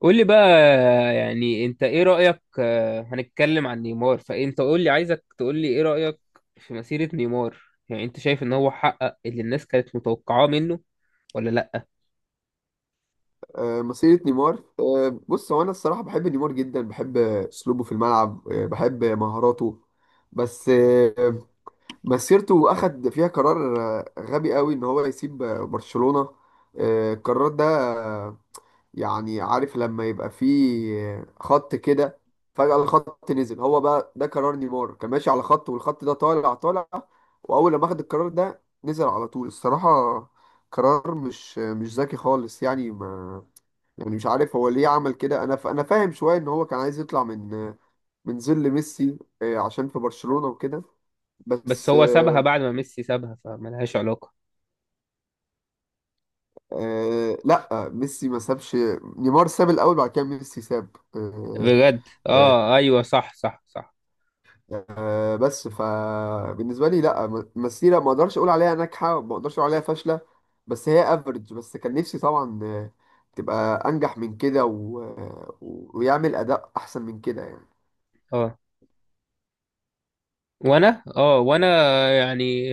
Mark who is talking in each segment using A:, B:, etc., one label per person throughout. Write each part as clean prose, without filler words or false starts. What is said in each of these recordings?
A: قول لي بقى. يعني انت ايه رأيك، هنتكلم عن نيمار، فانت قول لي، عايزك تقول لي ايه رأيك في مسيرة نيمار. يعني انت شايف ان هو حقق اللي الناس كانت متوقعاه منه ولا لا؟
B: مسيرة نيمار. بص، هو أنا الصراحة بحب نيمار جدا، بحب أسلوبه في الملعب، بحب مهاراته. بس آه، مسيرته أخد فيها قرار غبي قوي إن هو يسيب برشلونة. القرار ده، آه، يعني عارف لما يبقى فيه خط كده فجأة الخط نزل، هو بقى ده قرار نيمار، كان ماشي على خط والخط ده طالع طالع، وأول لما أخد القرار ده نزل على طول الصراحة. قرار مش ذكي خالص، يعني ما، يعني مش عارف هو ليه عمل كده. انا فاهم شويه ان هو كان عايز يطلع من من ظل ميسي عشان في برشلونه وكده.
A: بس
B: بس
A: هو سابها
B: آه،
A: بعد ما ميسي سابها فملهاش علاقة.
B: لا، ميسي ما سابش، نيمار ساب الاول، بعد كده ميسي ساب.
A: بجد؟
B: آه،
A: اه، ايوه، صح، صح، صح.
B: بس فبالنسبه لي، لا، مسيره ما اقدرش اقول عليها ناجحه، ما اقدرش اقول عليها فاشله، بس هي افريج. بس كان نفسي طبعا تبقى انجح من كده و... آه، ويعمل اداء احسن من كده.
A: اه اه وانا يعني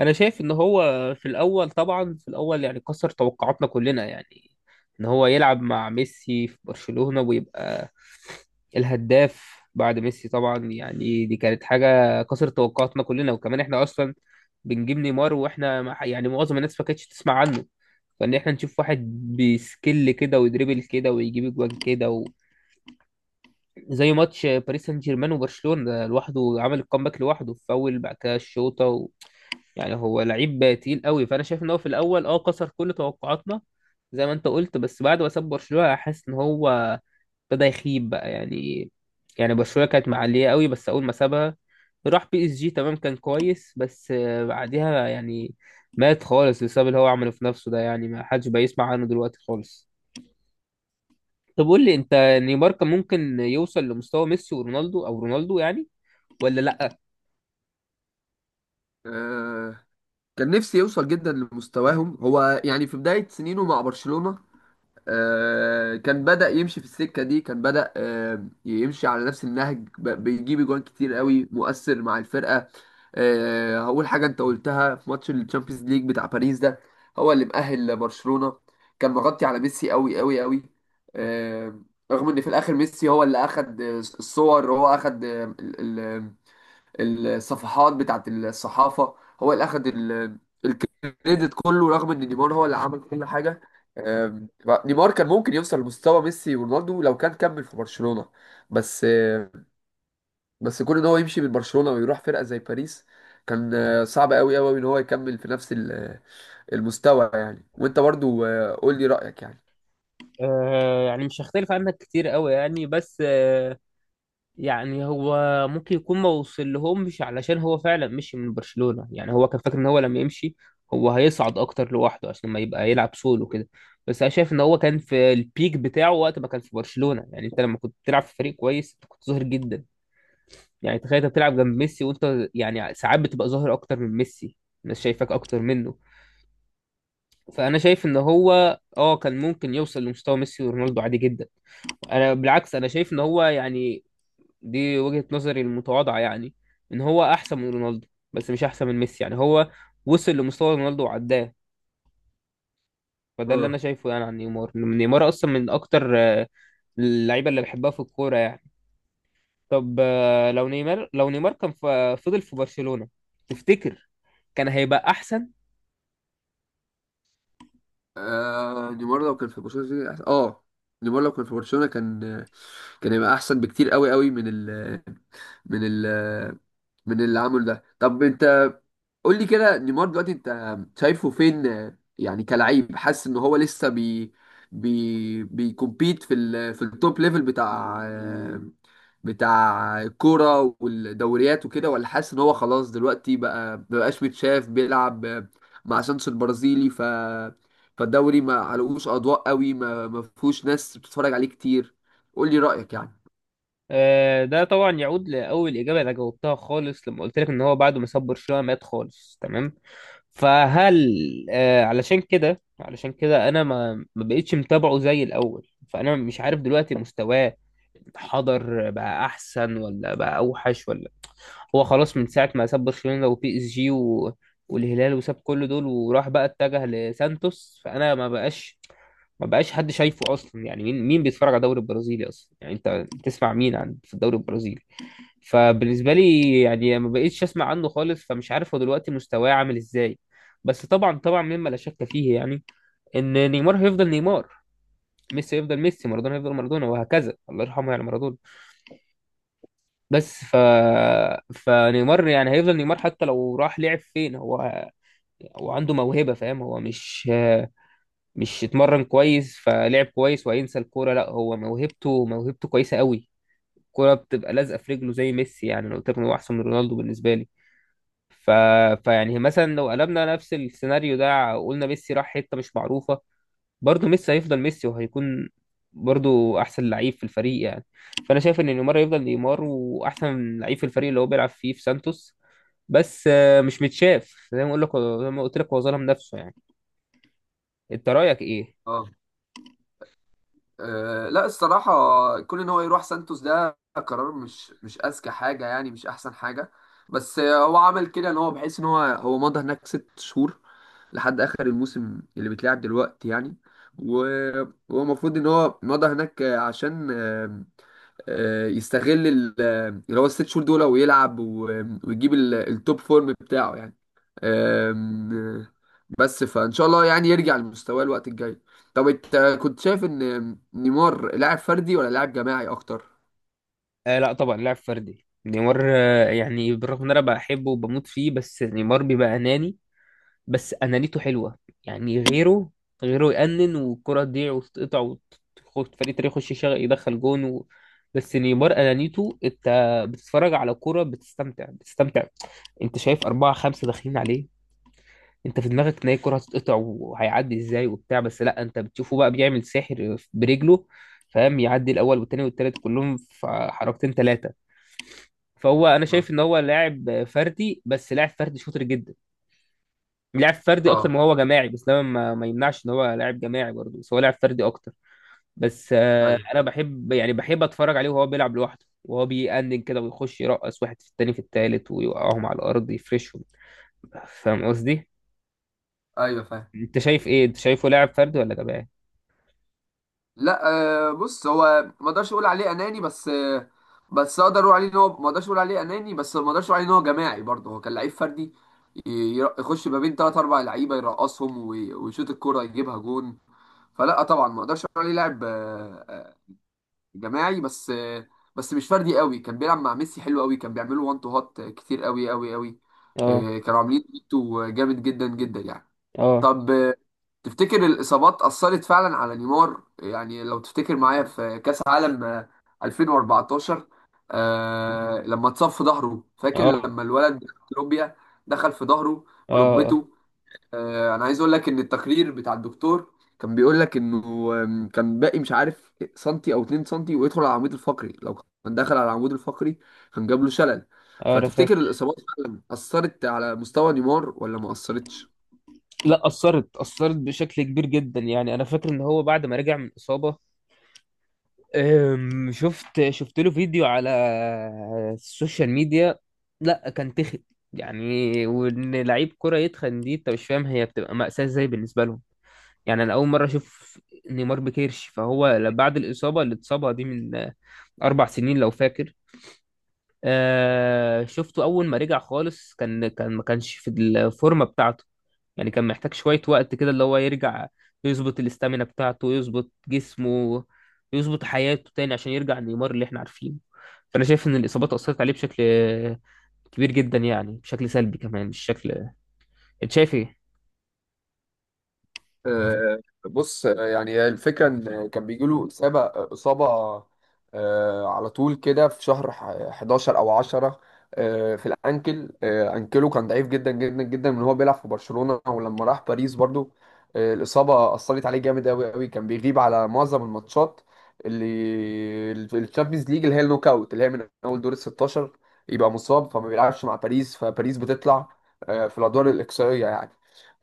A: انا شايف ان هو في الاول، طبعا في الاول يعني كسر توقعاتنا كلنا. يعني ان هو يلعب مع ميسي في برشلونة ويبقى الهداف بعد ميسي طبعا. يعني دي كانت حاجة كسرت توقعاتنا كلنا، وكمان احنا اصلا بنجيب نيمار واحنا يعني معظم الناس ما كانتش تسمع عنه، فان احنا نشوف واحد بسكيل كده ويدريبل كده ويجيب اجوان كده، زي ماتش باريس سان جيرمان وبرشلونة، ده لوحده عمل الكومباك لوحده، فاول بعد كده الشوطة يعني هو لعيب تقيل قوي. فأنا شايف إن هو في الأول كسر كل توقعاتنا زي ما أنت قلت. بس بعد ما ساب برشلونة، حاسس إن هو ابتدى يخيب بقى، يعني. يعني برشلونة كانت معلية قوي، بس أول ما سابها راح بي اس جي، تمام، كان كويس، بس بعديها يعني مات خالص بسبب اللي هو عمله في نفسه ده، يعني ما حدش بقى يسمع عنه دلوقتي خالص. طب قول لي انت، نيمار كان ممكن يوصل لمستوى ميسي ورونالدو، او رونالدو يعني، ولا لا؟
B: يعني كان نفسي يوصل جدا لمستواهم، هو يعني في بداية سنينه مع برشلونة كان بدأ يمشي في السكة دي، كان بدأ يمشي على نفس النهج، بيجيب جوان كتير قوي، مؤثر مع الفرقة. هقول حاجة انت قلتها، في ماتش الشامبيونز ليج بتاع باريس ده، هو اللي مأهل برشلونة، كان مغطي على ميسي قوي قوي قوي. آه، رغم ان في الاخر ميسي هو اللي اخد الصور، هو اخد الصفحات بتاعت الصحافة، هو اللي أخد الكريدت كله، رغم إن نيمار هو اللي عمل كل حاجة. آم، نيمار كان ممكن يوصل لمستوى ميسي ورونالدو لو كان كمل في برشلونة. بس آه، بس كون إن هو يمشي من برشلونة ويروح فرقة زي باريس كان صعب أوي أوي إن هو يكمل في نفس المستوى يعني. وأنت برضو قول لي رأيك يعني.
A: آه، يعني مش هختلف عنك كتير قوي، يعني، بس يعني هو ممكن يكون ما وصل لهمش علشان هو فعلا مشي من برشلونة. يعني هو كان فاكر ان هو لما يمشي، هو هيصعد اكتر لوحده، عشان ما يبقى يلعب سولو كده. بس انا شايف ان هو كان في البيك بتاعه وقت ما كان في برشلونة. يعني انت لما كنت بتلعب في فريق كويس، انت كنت ظاهر جدا. يعني تخيل انت بتلعب جنب ميسي، وانت يعني ساعات بتبقى ظاهر اكتر من ميسي، الناس شايفاك اكتر منه. فانا شايف ان هو كان ممكن يوصل لمستوى ميسي ورونالدو عادي جدا. انا بالعكس، انا شايف ان هو، يعني دي وجهة نظري المتواضعة، يعني ان هو احسن من رونالدو بس مش احسن من ميسي. يعني هو وصل لمستوى رونالدو وعداه. فده اللي انا
B: اه.
A: شايفه يعني عن نيمار، إن نيمار اصلا من اكتر اللعيبة اللي بحبها في الكورة يعني. طب، لو نيمار كان فضل في برشلونة، تفتكر كان هيبقى احسن؟
B: نيمار لو كان في برشلونة نيمار لو كان في برشلونة كان، كان هيبقى احسن بكتير قوي قوي من ال من ال من اللي عمله ده. طب انت قول لي كده، نيمار دلوقتي انت شايفه فين؟ يعني كلاعب، حاسس ان هو لسه بي بيكومبيت في ال في التوب ليفل بتاع بتاع الكوره والدوريات وكده، ولا حاسس ان هو خلاص دلوقتي بقى ما بقاش متشاف؟ بيلعب مع سانشو البرازيلي فالدوري، ما علقوش اضواء قوي، ما فيهوش ناس بتتفرج عليه كتير. قول لي رايك يعني.
A: ده طبعا يعود لأول إجابة أنا جاوبتها خالص لما قلت لك إن هو بعد ما ساب برشلونة مات خالص، تمام. فهل، علشان كده، علشان كده أنا ما بقتش متابعه زي الأول، فأنا مش عارف دلوقتي مستواه حضر بقى أحسن ولا بقى أوحش ولا. هو خلاص من ساعة ما ساب برشلونة وبي اس جي والهلال، وساب كل دول، وراح بقى اتجه لسانتوس. فأنا ما بقاش حد شايفه أصلا. يعني مين مين بيتفرج على الدوري البرازيلي أصلا؟ يعني أنت بتسمع مين عن في الدوري البرازيلي؟ فبالنسبة لي يعني ما بقيتش أسمع عنه خالص، فمش عارف هو دلوقتي مستواه عامل إزاي. بس طبعا، طبعا مما لا شك فيه، يعني إن نيمار هيفضل نيمار، ميسي هيفضل ميسي، مارادونا هيفضل مارادونا، وهكذا. الله يرحمه يعني مارادونا. بس فنيمار يعني هيفضل نيمار حتى لو راح لعب فين. هو عنده موهبة، فاهم؟ هو مش اتمرن كويس فلعب كويس وهينسى الكورة، لا. هو موهبته، موهبته كويسة قوي، الكورة بتبقى لازقة في رجله زي ميسي. يعني انا قلت لك إن هو احسن من رونالدو بالنسبة لي، ف... فيعني مثلا لو قلبنا نفس السيناريو ده، قلنا ميسي راح حتة مش معروفة، برضه ميسي هيفضل ميسي وهيكون برضه احسن لعيب في الفريق يعني. فانا شايف ان نيمار يفضل نيمار، واحسن لعيب في الفريق اللي هو بيلعب فيه في سانتوس، بس مش متشاف زي ما اقول لك، زي ما قلت لك، هو ظلم نفسه يعني. انت رايك ايه؟
B: اه. أه لا الصراحة، كون ان هو يروح سانتوس ده قرار مش اذكى حاجة يعني، مش احسن حاجة. بس آه، هو عمل كده ان هو، بحيث ان هو، هو مضى هناك ست شهور لحد اخر الموسم اللي بيتلعب دلوقتي يعني. و- وهو المفروض ان هو مضى هناك عشان يستغل اللي هو الست شهور دول، ويلعب ويجيب التوب فورم بتاعه يعني. آم، آه، بس فان شاء الله يعني يرجع لمستواه الوقت الجاي. طب انت كنت شايف ان نيمار لاعب فردي ولا لاعب جماعي اكتر؟
A: آه، لا طبعا لاعب فردي نيمار. يعني بالرغم ان انا بحبه وبموت فيه، بس نيمار بيبقى اناني، بس انانيته حلوه. يعني غيره، غيره يأنن والكرة تضيع وتتقطع وتخش فريق تاني، يخش يشغل يدخل جون بس نيمار انانيته، انت بتتفرج على كرة بتستمتع، بتستمتع. انت شايف أربعة خمسة داخلين عليه، انت في دماغك ان هي الكرة هتتقطع وهيعدي ازاي وبتاع. بس لا، انت بتشوفه بقى بيعمل ساحر برجله، فاهم؟ يعدي الاول والتاني والتالت كلهم في حركتين تلاتة. فهو انا
B: اه.
A: شايف ان هو لاعب فردي، بس لاعب فردي شاطر جدا. لعب فردي اكتر
B: آه،
A: ما هو جماعي. بس ده ما يمنعش ان هو لاعب جماعي برضه، بس هو لاعب فردي اكتر. بس
B: ايوه،
A: انا بحب يعني بحب اتفرج عليه وهو بيلعب لوحده وهو بيأنن كده ويخش يرقص واحد في التاني في التالت ويوقعهم على الارض، يفرشهم. فاهم قصدي؟
B: ايوه فاهم.
A: انت شايف ايه، انت شايفه لاعب فردي ولا جماعي؟
B: لا، بص، هو ما اقدرش اقول عليه اناني، بس اقدر اقول عليه ان هو، ما اقدرش اقول عليه اناني بس ما اقدرش اقول عليه ان هو جماعي برضه. هو كان لعيب فردي، يخش ما بين ثلاث اربع لعيبه يرقصهم، ويشوط الكوره يجيبها جون. فلا طبعا، ما اقدرش اقول عليه لاعب جماعي، بس بس مش فردي قوي. كان بيلعب مع ميسي حلو قوي، كان بيعملوا وان تو هات كتير قوي قوي قوي.
A: اه،
B: كانوا عاملين بيتو جامد جدا جدا يعني.
A: اه،
B: طب تفتكر الإصابات أثرت فعلا على نيمار؟ يعني لو تفتكر معايا في كأس عالم 2014، آه لما اتصاب في ظهره، فاكر
A: اه،
B: لما الولد كولومبيا دخل في ظهره
A: اه، اه.
B: بركبته؟ انا عايز اقول لك ان التقرير بتاع الدكتور كان بيقول لك انه، كان باقي مش عارف سنتي او 2 سنتي ويدخل على العمود الفقري، لو كان دخل على العمود الفقري كان جاب له شلل.
A: انا
B: فتفتكر
A: فاكر.
B: الاصابات فعلا اثرت على مستوى نيمار ولا ما اثرتش؟
A: لا، اثرت، اثرت بشكل كبير جدا. يعني انا فاكر ان هو بعد ما رجع من اصابه، شفت له فيديو على السوشيال ميديا، لا كان تخن. يعني وان لعيب كرة يتخن دي، انت مش فاهم هي بتبقى مأساة ازاي بالنسبة لهم. يعني انا اول مرة اشوف نيمار بكيرش. فهو بعد الإصابة اللي اتصابها دي من 4 سنين لو فاكر، شفته اول ما رجع خالص، كان كان ما كانش في الفورمة بتاعته. يعني كان محتاج شوية وقت كده اللي هو يرجع، يظبط الاستامينا بتاعته، يظبط جسمه، يظبط حياته تاني، عشان يرجع نيمار اللي احنا عارفينه. فأنا شايف إن الإصابات أثرت عليه بشكل كبير جدا، يعني بشكل سلبي كمان مش شكل. أنت شايف إيه؟
B: آه، بص، يعني هي الفكرة إن كان بيجي له إصابة على طول كده في شهر 11 أو 10. في الأنكل، أنكله كان ضعيف جدا جدا جدا من هو بيلعب في برشلونة، ولما راح باريس برضو الإصابة أثرت عليه جامد أوي أوي، كان بيغيب على معظم الماتشات اللي الشامبيونز ليج، اللي هي النوك أوت، اللي هي من أول دور ال 16 يبقى مصاب فما بيلعبش مع باريس، فباريس بتطلع في الأدوار الإقصائية يعني.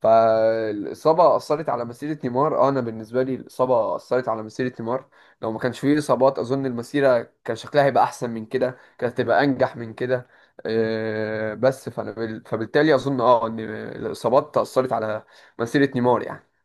B: فالإصابة أثرت على مسيرة نيمار. أنا بالنسبة لي الإصابة أثرت على مسيرة نيمار، لو ما كانش فيه إصابات أظن المسيرة كان شكلها هيبقى أحسن من كده، كانت هتبقى أنجح من كده. بس فبالتالي أظن أه إن الإصابات أثرت على مسيرة نيمار يعني.